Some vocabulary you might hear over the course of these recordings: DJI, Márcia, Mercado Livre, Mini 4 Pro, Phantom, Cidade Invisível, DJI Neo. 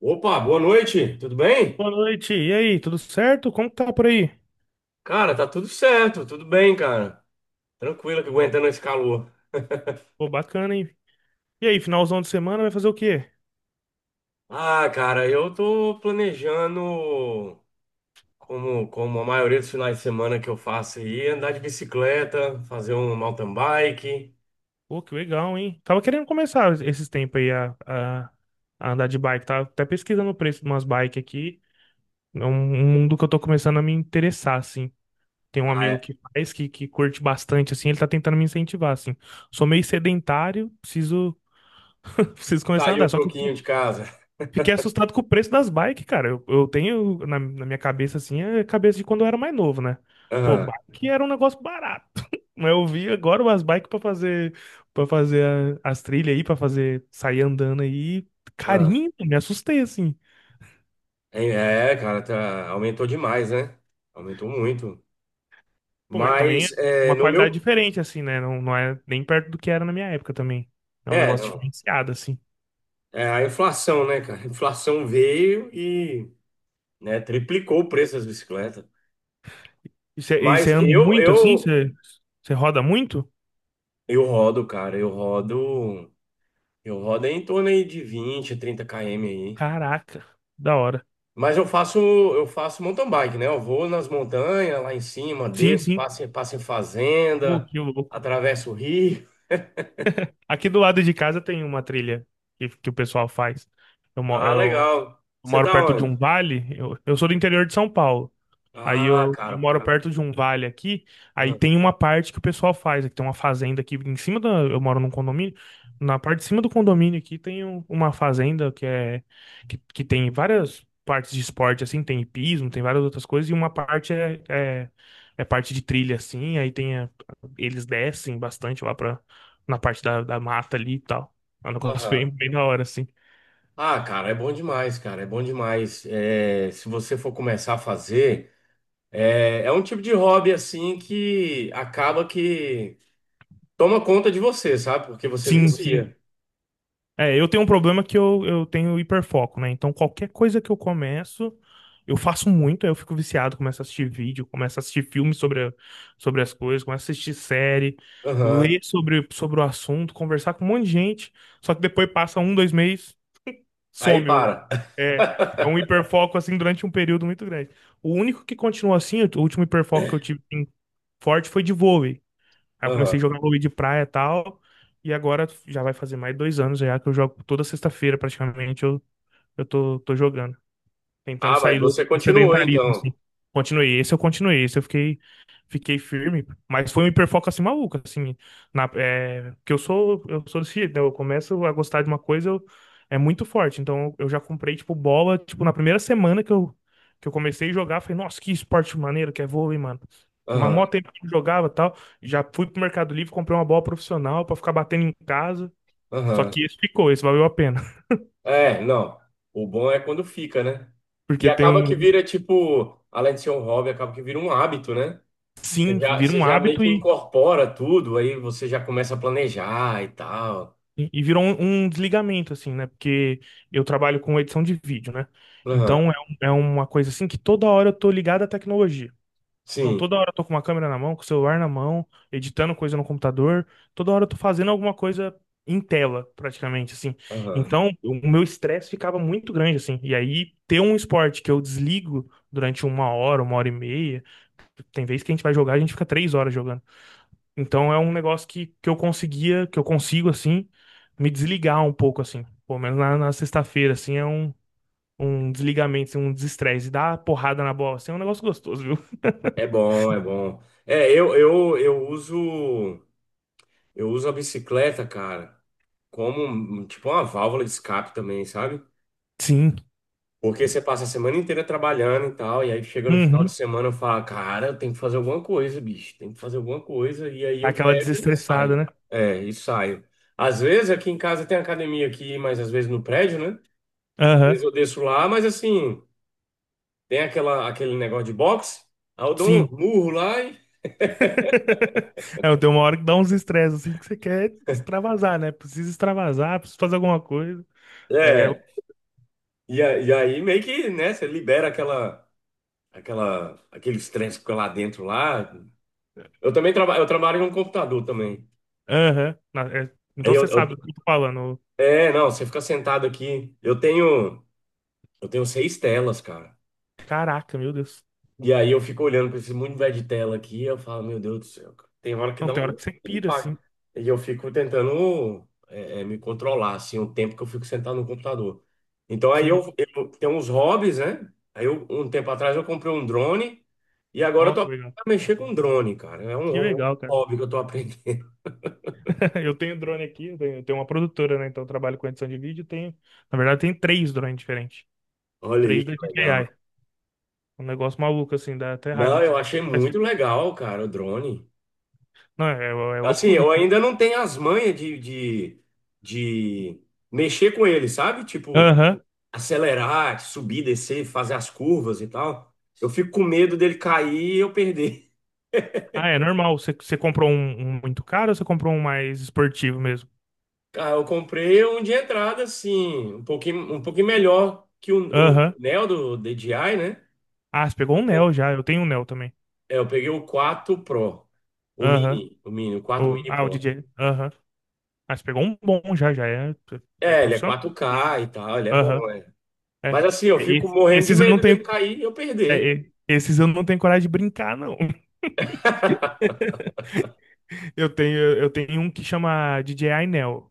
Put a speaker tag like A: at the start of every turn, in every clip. A: Opa, boa noite, tudo bem?
B: Boa noite. E aí, tudo certo? Como que tá por aí?
A: Cara, tá tudo certo, tudo bem, cara. Tranquilo que aguentando esse calor.
B: Pô, bacana, hein? E aí, finalzão de semana vai fazer o quê?
A: Ah, cara, eu tô planejando, como a maioria dos finais de semana que eu faço aí, andar de bicicleta, fazer um mountain bike.
B: Pô, que legal, hein? Tava querendo começar esses tempos aí a andar de bike. Tava até pesquisando o preço de umas bikes aqui. É um mundo que eu tô começando a me interessar, assim. Tem um
A: Ah,
B: amigo
A: é.
B: que faz, que curte bastante, assim. Ele tá tentando me incentivar, assim. Sou meio sedentário, preciso, preciso começar a
A: Sair
B: andar.
A: um
B: Só que eu
A: pouquinho de casa.
B: fiquei assustado com o preço das bikes, cara. Eu tenho na minha cabeça, assim, a cabeça de quando eu era mais novo, né? Pô,
A: Aham,
B: bike era um negócio barato. Mas eu vi agora umas bikes pra fazer, para fazer as trilhas aí, pra fazer, sair andando aí.
A: aham.
B: Carinho, me assustei, assim.
A: É, cara, aumentou demais, né? Aumentou muito.
B: Pô, mas também é
A: Mas é,
B: uma
A: no
B: qualidade
A: meu.
B: diferente, assim, né? Não é nem perto do que era na minha época também. É um
A: É,
B: negócio
A: não.
B: diferenciado, assim.
A: É a inflação, né, cara? A inflação veio e. Né? Triplicou o preço das bicicletas.
B: E você
A: Mas
B: anda
A: eu,
B: muito, assim?
A: eu,
B: Você roda muito?
A: eu rodo, cara. Eu rodo em torno aí de 20 30 km aí.
B: Caraca, da hora.
A: Mas eu faço mountain bike, né? Eu vou nas montanhas, lá em cima,
B: Sim,
A: desço,
B: sim.
A: passo, passo em
B: Pô,
A: fazenda,
B: que louco.
A: atravesso o rio.
B: Aqui do lado de casa tem uma trilha que o pessoal faz. Eu, mo-
A: Ah,
B: eu
A: legal. Você
B: moro
A: tá
B: perto de
A: onde?
B: um vale, eu sou do interior de São Paulo. Aí
A: Ah,
B: eu
A: cara,
B: moro
A: pô.
B: perto de um vale aqui, aí
A: Ah,
B: tem uma parte que o pessoal faz, aqui tem uma fazenda aqui em cima da, eu moro num condomínio, na parte de cima do condomínio aqui tem uma fazenda que é que tem várias partes de esporte assim, tem hipismo, tem várias outras coisas e uma parte é parte de trilha assim, aí tem eles descem bastante lá para na parte da mata ali e tal. É um negócio
A: aham.
B: bem, bem da hora assim.
A: Ah, cara, é bom demais, cara. É bom demais. É, se você for começar a fazer. É um tipo de hobby assim que acaba que toma conta de você, sabe? Porque você
B: Sim, sim.
A: vicia.
B: É, eu tenho um problema que eu tenho hiperfoco, né? Então, qualquer coisa que eu começo, eu faço muito, aí eu fico viciado, começo a assistir vídeo, começo a assistir filmes sobre, sobre as coisas, começo a assistir série,
A: Aham.
B: ler sobre o assunto, conversar com um monte de gente, só que depois passa um, 2 meses,
A: Aí
B: some.
A: para.
B: É, é, um hiperfoco, assim, durante um período muito grande. O único que continuou assim, o último hiperfoco que eu tive assim, forte foi de vôlei. Aí eu comecei a
A: Aham.
B: jogar vôlei de praia e tal. E agora já vai fazer mais 2 anos já que eu jogo toda sexta-feira praticamente. Eu tô jogando tentando
A: Ah, mas
B: sair do
A: você continuou
B: sedentarismo,
A: então.
B: assim. Continuei, esse eu fiquei, firme, mas foi um hiperfoco assim maluco, assim, porque eu sou desse jeito, né? Eu começo a gostar de uma coisa, é muito forte, então eu já comprei, tipo, bola, tipo, na primeira semana que eu comecei a jogar, falei, nossa, que esporte maneiro que é vôlei, mano. Mas mó
A: Aham.
B: tempo que eu jogava e tal, já fui pro Mercado Livre, comprei uma bola profissional pra ficar batendo em casa, só
A: Aham.
B: que esse ficou, esse valeu a pena,
A: É, não. O bom é quando fica, né? E
B: porque tem
A: acaba que
B: um,
A: vira tipo, além de ser um hobby, acaba que vira um hábito, né?
B: sim, vira
A: Você
B: um
A: já meio
B: hábito.
A: que incorpora tudo, aí você já começa a planejar e tal.
B: E virou um desligamento, assim, né? Porque eu trabalho com edição de vídeo, né?
A: Aham.
B: Então é uma coisa assim que toda hora eu tô ligado à tecnologia. Então
A: Sim.
B: toda hora eu tô com uma câmera na mão, com o celular na mão, editando coisa no computador. Toda hora eu tô fazendo alguma coisa em tela, praticamente, assim.
A: Aham.
B: Então o meu estresse ficava muito grande, assim. E aí ter um esporte que eu desligo durante 1 hora, 1 hora e meia. Tem vez que a gente vai jogar, a gente fica 3 horas jogando. Então é um negócio que eu conseguia, que eu consigo, assim, me desligar um pouco, assim. Pelo menos na sexta-feira, assim, é um desligamento, assim, um desestresse. E dar porrada na bola, assim, é um negócio gostoso, viu?
A: É bom, é bom. É, eu uso. Eu uso a bicicleta, cara, como um, tipo uma válvula de escape também, sabe?
B: Sim.
A: Porque você passa a semana inteira trabalhando e tal, e aí chega no final de
B: Uhum.
A: semana e fala, cara, eu tenho que fazer alguma coisa, bicho, tem que fazer alguma coisa, e aí eu
B: Aquela
A: pego e
B: desestressada,
A: saio.
B: né?
A: É, e saio. Às vezes aqui em casa tem academia aqui, mas às vezes no prédio, né? Às
B: Aham.
A: vezes eu desço lá, mas assim, tem aquela, aquele negócio de boxe, aí eu dou um
B: Sim.
A: murro lá e.
B: É, tem uma hora que dá uns estresses, assim, que você quer extravasar, né? Precisa extravasar, precisa fazer alguma coisa. É,
A: É, e aí meio que, né, você libera aquela. Aquela, aqueles trens que ficam lá dentro lá. Eu também trabalho, eu trabalho em um computador também.
B: é, aham.
A: Aí
B: Então
A: eu,
B: você sabe do
A: eu-
B: que eu tô falando.
A: É, não, você fica sentado aqui. Eu tenho 6 telas, cara.
B: Caraca, meu Deus.
A: E aí eu fico olhando para esse mundo velho de tela aqui, eu falo, meu Deus do céu, cara. Tem hora que
B: Não,
A: dá
B: tem hora
A: um
B: que você pira, assim.
A: impacto. E eu fico tentando me controlar, assim, o tempo que eu fico sentado no computador. Então aí eu tenho uns hobbies, né? Aí eu, um tempo atrás eu comprei um drone e agora eu
B: Ó,
A: tô
B: que
A: aprendendo
B: legal.
A: a mexer com drone, cara. É
B: Que
A: um
B: legal, cara.
A: hobby que eu tô aprendendo.
B: Eu tenho drone aqui, eu tenho uma produtora, né? Então eu trabalho com edição de vídeo. Tenho, na verdade, tem três drones diferentes.
A: Olha aí,
B: Três
A: que
B: da DJI.
A: legal.
B: Um negócio maluco, assim, dá até raiva.
A: Não, eu achei
B: Mas,
A: muito legal, cara, o drone.
B: Não, é
A: Assim,
B: loucura,
A: eu
B: assim.
A: ainda não tenho as manhas de mexer com ele, sabe? Tipo.
B: Aham.
A: Acelerar, subir, descer, fazer as curvas e tal. Eu fico com medo dele cair e eu perder.
B: Ah, é normal. Você comprou um muito caro ou você comprou um mais esportivo mesmo?
A: Cara, eu comprei um de entrada, assim, um pouquinho melhor que o
B: Aham.
A: Neo do DJI, né?
B: Ah, você pegou
A: Eu,
B: um
A: comp-
B: Neo já. Eu tenho um Neo também.
A: eu peguei o 4 Pro, o
B: Aham.
A: Mini, o Mini, o quatro Mini
B: Ah, o
A: Pro.
B: DJI. Aham. Ah, você pegou um bom já, já. É, é
A: É, ele é
B: profissional.
A: 4K e tal, ele é bom,
B: Aham.
A: né?
B: É.
A: Mas assim, eu
B: É,
A: fico morrendo de
B: esses eu não
A: medo dele
B: tenho.
A: cair e eu perder.
B: Esses eu não tenho coragem de brincar, não. Eu tenho um que chama DJI Neo,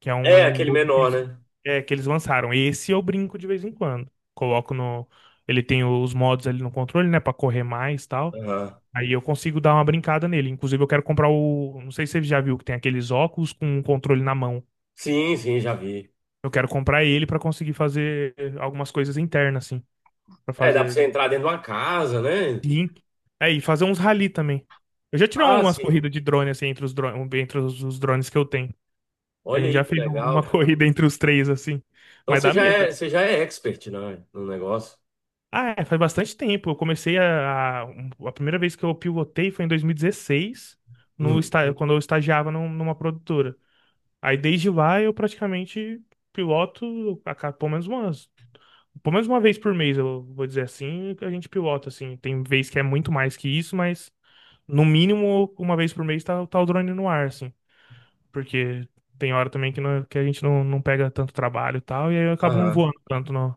B: que é
A: É,
B: um
A: aquele
B: novo que
A: menor,
B: eles,
A: né?
B: é, que eles lançaram. Esse eu brinco de vez em quando. Coloco no. Ele tem os modos ali no controle, né, pra correr mais e tal.
A: Aham.
B: Aí eu consigo dar uma brincada nele. Inclusive, eu quero comprar o. Não sei se você já viu que tem aqueles óculos com um controle na mão.
A: Sim, sim, já vi.
B: Eu quero comprar ele pra conseguir fazer algumas coisas internas, assim. Pra
A: É, dá pra
B: fazer.
A: você entrar dentro de uma casa, né?
B: Sim. É, e fazer uns rally também. Eu já tirei
A: Ah,
B: umas
A: sim.
B: corridas de drone, assim, entre os drones, entre os drones que eu tenho. A
A: Olha
B: gente
A: aí
B: já
A: que
B: fez
A: legal,
B: uma
A: cara.
B: corrida entre os três, assim.
A: Então
B: Mas dá medo, assim.
A: você já é expert, né, no negócio?
B: Ah, é, faz bastante tempo. Eu comecei a. um- A primeira vez que eu pivotei foi em 2016, no,
A: Hum,
B: esta- quando eu estagiava numa produtora. Aí desde lá eu praticamente piloto pelo menos umas. Pelo menos uma vez por mês, eu vou dizer assim, que a gente pilota, assim. Tem vez que é muito mais que isso, mas. No mínimo, uma vez por mês tá o drone no ar, assim. Porque tem hora também que, que a gente não pega tanto trabalho e tal, e aí eu acabo não
A: aham,
B: voando tanto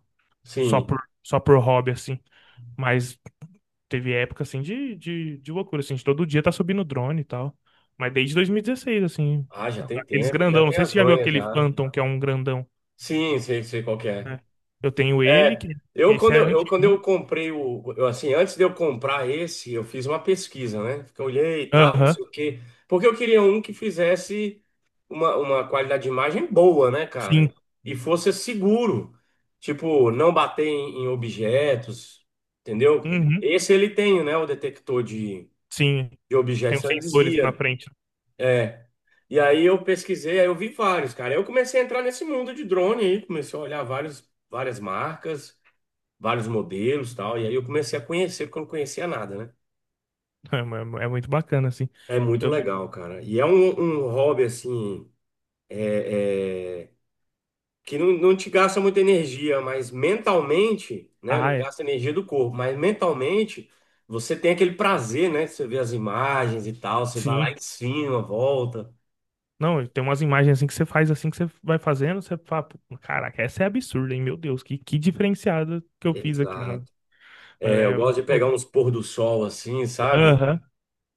B: só
A: sim.
B: por, só por hobby, assim. Mas teve época, assim, de loucura, assim, de todo dia tá subindo drone e tal. Mas desde 2016, assim,
A: Ah, já tem
B: aqueles
A: tempo, já
B: grandão. Não
A: tem
B: sei se
A: as
B: você já viu
A: manhas
B: aquele
A: já.
B: Phantom, que é um grandão.
A: Sim, sei, sei qual que é.
B: Eu tenho ele,
A: É,
B: que
A: eu
B: esse
A: quando
B: é
A: eu, eu quando eu
B: antigo.
A: comprei o, eu, assim, antes de eu comprar esse, eu fiz uma pesquisa, né? Porque eu olhei e tal, não
B: Aham,
A: sei o quê, porque eu queria um que fizesse uma qualidade de imagem boa, né, cara?
B: sim.
A: E fosse seguro, tipo, não bater em, em objetos, entendeu?
B: Uhum,
A: Esse ele tem, né, o detector
B: sim.
A: de objetos,
B: Tem os
A: então ele
B: sensores na
A: desvia.
B: frente.
A: É. E aí eu pesquisei, aí eu vi vários, cara. Aí eu comecei a entrar nesse mundo de drone aí, comecei a olhar vários, várias marcas vários modelos e tal. E aí eu comecei a conhecer, porque eu não conhecia nada, né?
B: É, é muito bacana, assim.
A: É muito
B: Eu-
A: legal, cara. E é um hobby, assim, é, é, que não, não te gasta muita energia, mas mentalmente, né?
B: ah,
A: Não
B: é.
A: gasta energia do corpo, mas mentalmente você tem aquele prazer, né? Você vê as imagens e tal, você vai lá
B: Sim.
A: em cima, volta.
B: Não, tem umas imagens assim que você faz assim que você vai fazendo, você fala, "Pô, caraca, essa é absurda, hein? Meu Deus, que diferenciada que eu fiz aqui, né?"
A: Exato.
B: É
A: É, eu
B: é
A: gosto
B: muito
A: de
B: bom.
A: pegar uns pôr do sol assim, sabe?
B: Aham.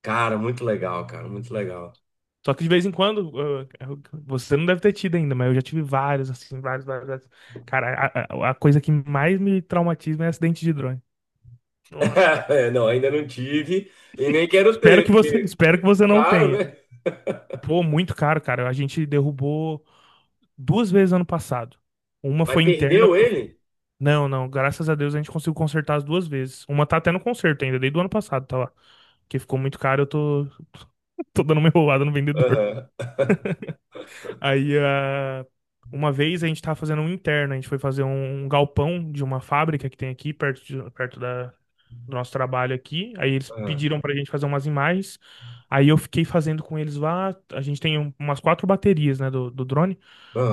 A: Cara, muito legal, cara, muito legal.
B: Só que de vez em quando, ah, você não deve ter tido ainda, mas eu já tive vários, assim, vários, vários, vários. Cara, a coisa que mais me traumatiza é acidente de drone. Nossa, cara.
A: É, não, ainda não tive e nem quero
B: Espero
A: ter,
B: que
A: porque
B: você,
A: é
B: espero que você não
A: caro,
B: tenha.
A: né?
B: Pô, muito caro, cara. A gente derrubou duas vezes ano passado. Uma
A: Mas
B: foi interna.
A: perdeu ele?
B: Não, não, graças a Deus a gente conseguiu consertar as duas vezes. Uma tá até no conserto ainda, desde o ano passado, tá lá. Porque ficou muito caro, eu tô, tô dando uma enrolada no vendedor.
A: Aham,
B: Aí, ah, uma vez a gente tava fazendo um interno, a gente foi fazer um galpão de uma fábrica que tem aqui, perto, perto da, do nosso trabalho aqui. Aí eles
A: aham,
B: pediram pra gente fazer umas imagens. Aí eu fiquei fazendo com eles lá. A gente tem umas quatro baterias, né, do drone.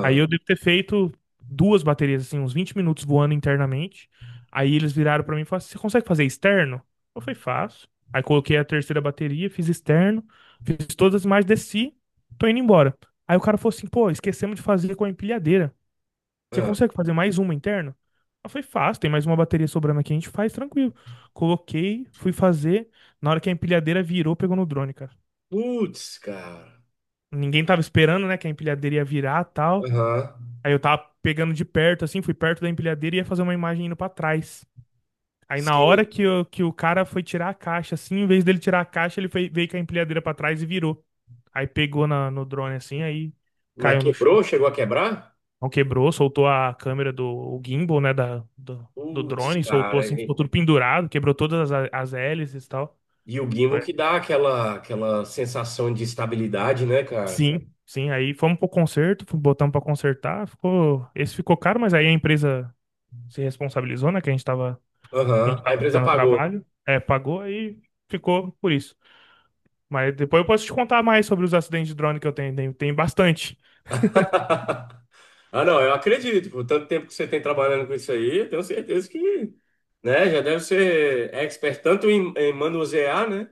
B: Aí eu devo ter feito duas baterias, assim, uns 20 minutos voando internamente. Aí eles viraram pra mim e falaram assim: "Você consegue fazer externo?" Eu falei: "Faço." Aí coloquei a terceira bateria, fiz externo, fiz todas as imagens, desci, tô indo embora. Aí o cara falou assim: "Pô, esquecemos de fazer com a empilhadeira. Você
A: aham.
B: consegue fazer mais uma interna?" Eu falei: "Fácil, tem mais uma bateria sobrando aqui, a gente faz tranquilo." Coloquei, fui fazer. Na hora que a empilhadeira virou, pegou no drone, cara.
A: Putz, cara.
B: Ninguém tava esperando, né, que a empilhadeira ia virar tal.
A: Aham.
B: Aí eu tava pegando de perto, assim, fui perto da empilhadeira e ia fazer uma imagem indo pra trás. Aí na
A: Sim.
B: hora que o cara foi tirar a caixa, assim, em vez dele tirar a caixa, ele veio com a empilhadeira pra trás e virou. Aí pegou no drone, assim, aí
A: Mas
B: caiu no chão.
A: quebrou? Chegou a quebrar?
B: Não quebrou, soltou a câmera do o gimbal, né, do
A: Putz,
B: drone, soltou
A: cara.
B: assim, ficou tudo pendurado, quebrou todas as hélices e tal.
A: E o gimbal
B: Foi-
A: que dá aquela, aquela sensação de estabilidade, né, cara?
B: Sim, sim, aí fomos pro conserto, botamos pra consertar, ficou, esse ficou caro, mas aí a empresa se responsabilizou, né, que a gente tava, a gente
A: Aham. A
B: tava
A: empresa
B: fazendo o
A: pagou.
B: trabalho, pagou aí ficou por isso. Mas depois eu posso te contar mais sobre os acidentes de drone que eu tenho, tem bastante.
A: Ah, não, eu acredito. Por tanto tempo que você tem trabalhando com isso aí, eu tenho certeza que, né, já deve ser expert tanto em, em manusear, né,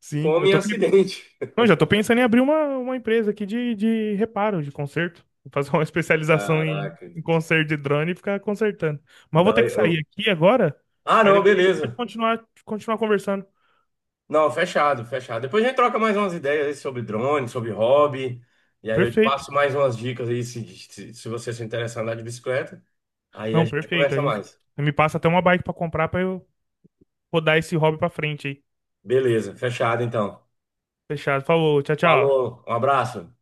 B: Sim,
A: como em acidente.
B: Não, já tô pensando em abrir uma empresa aqui de reparo, de conserto. Vou fazer uma especialização em,
A: Caraca,
B: em
A: gente.
B: conserto de drone e ficar consertando. Mas eu vou
A: Não,
B: ter que sair
A: eu,
B: aqui agora,
A: ah,
B: aí
A: não,
B: depois a gente pode
A: beleza.
B: continuar conversando.
A: Não, fechado, fechado. Depois a gente troca mais umas ideias aí sobre drone, sobre hobby. E aí eu te
B: Perfeito.
A: passo mais umas dicas aí se você se interessar em andar de bicicleta. Aí a
B: Não,
A: gente
B: perfeito.
A: conversa
B: Aí você
A: mais.
B: me passa até uma bike pra comprar pra eu rodar esse hobby pra frente aí.
A: Beleza, fechado então.
B: Fechado. Falou, tchau, tchau.
A: Falou, um abraço.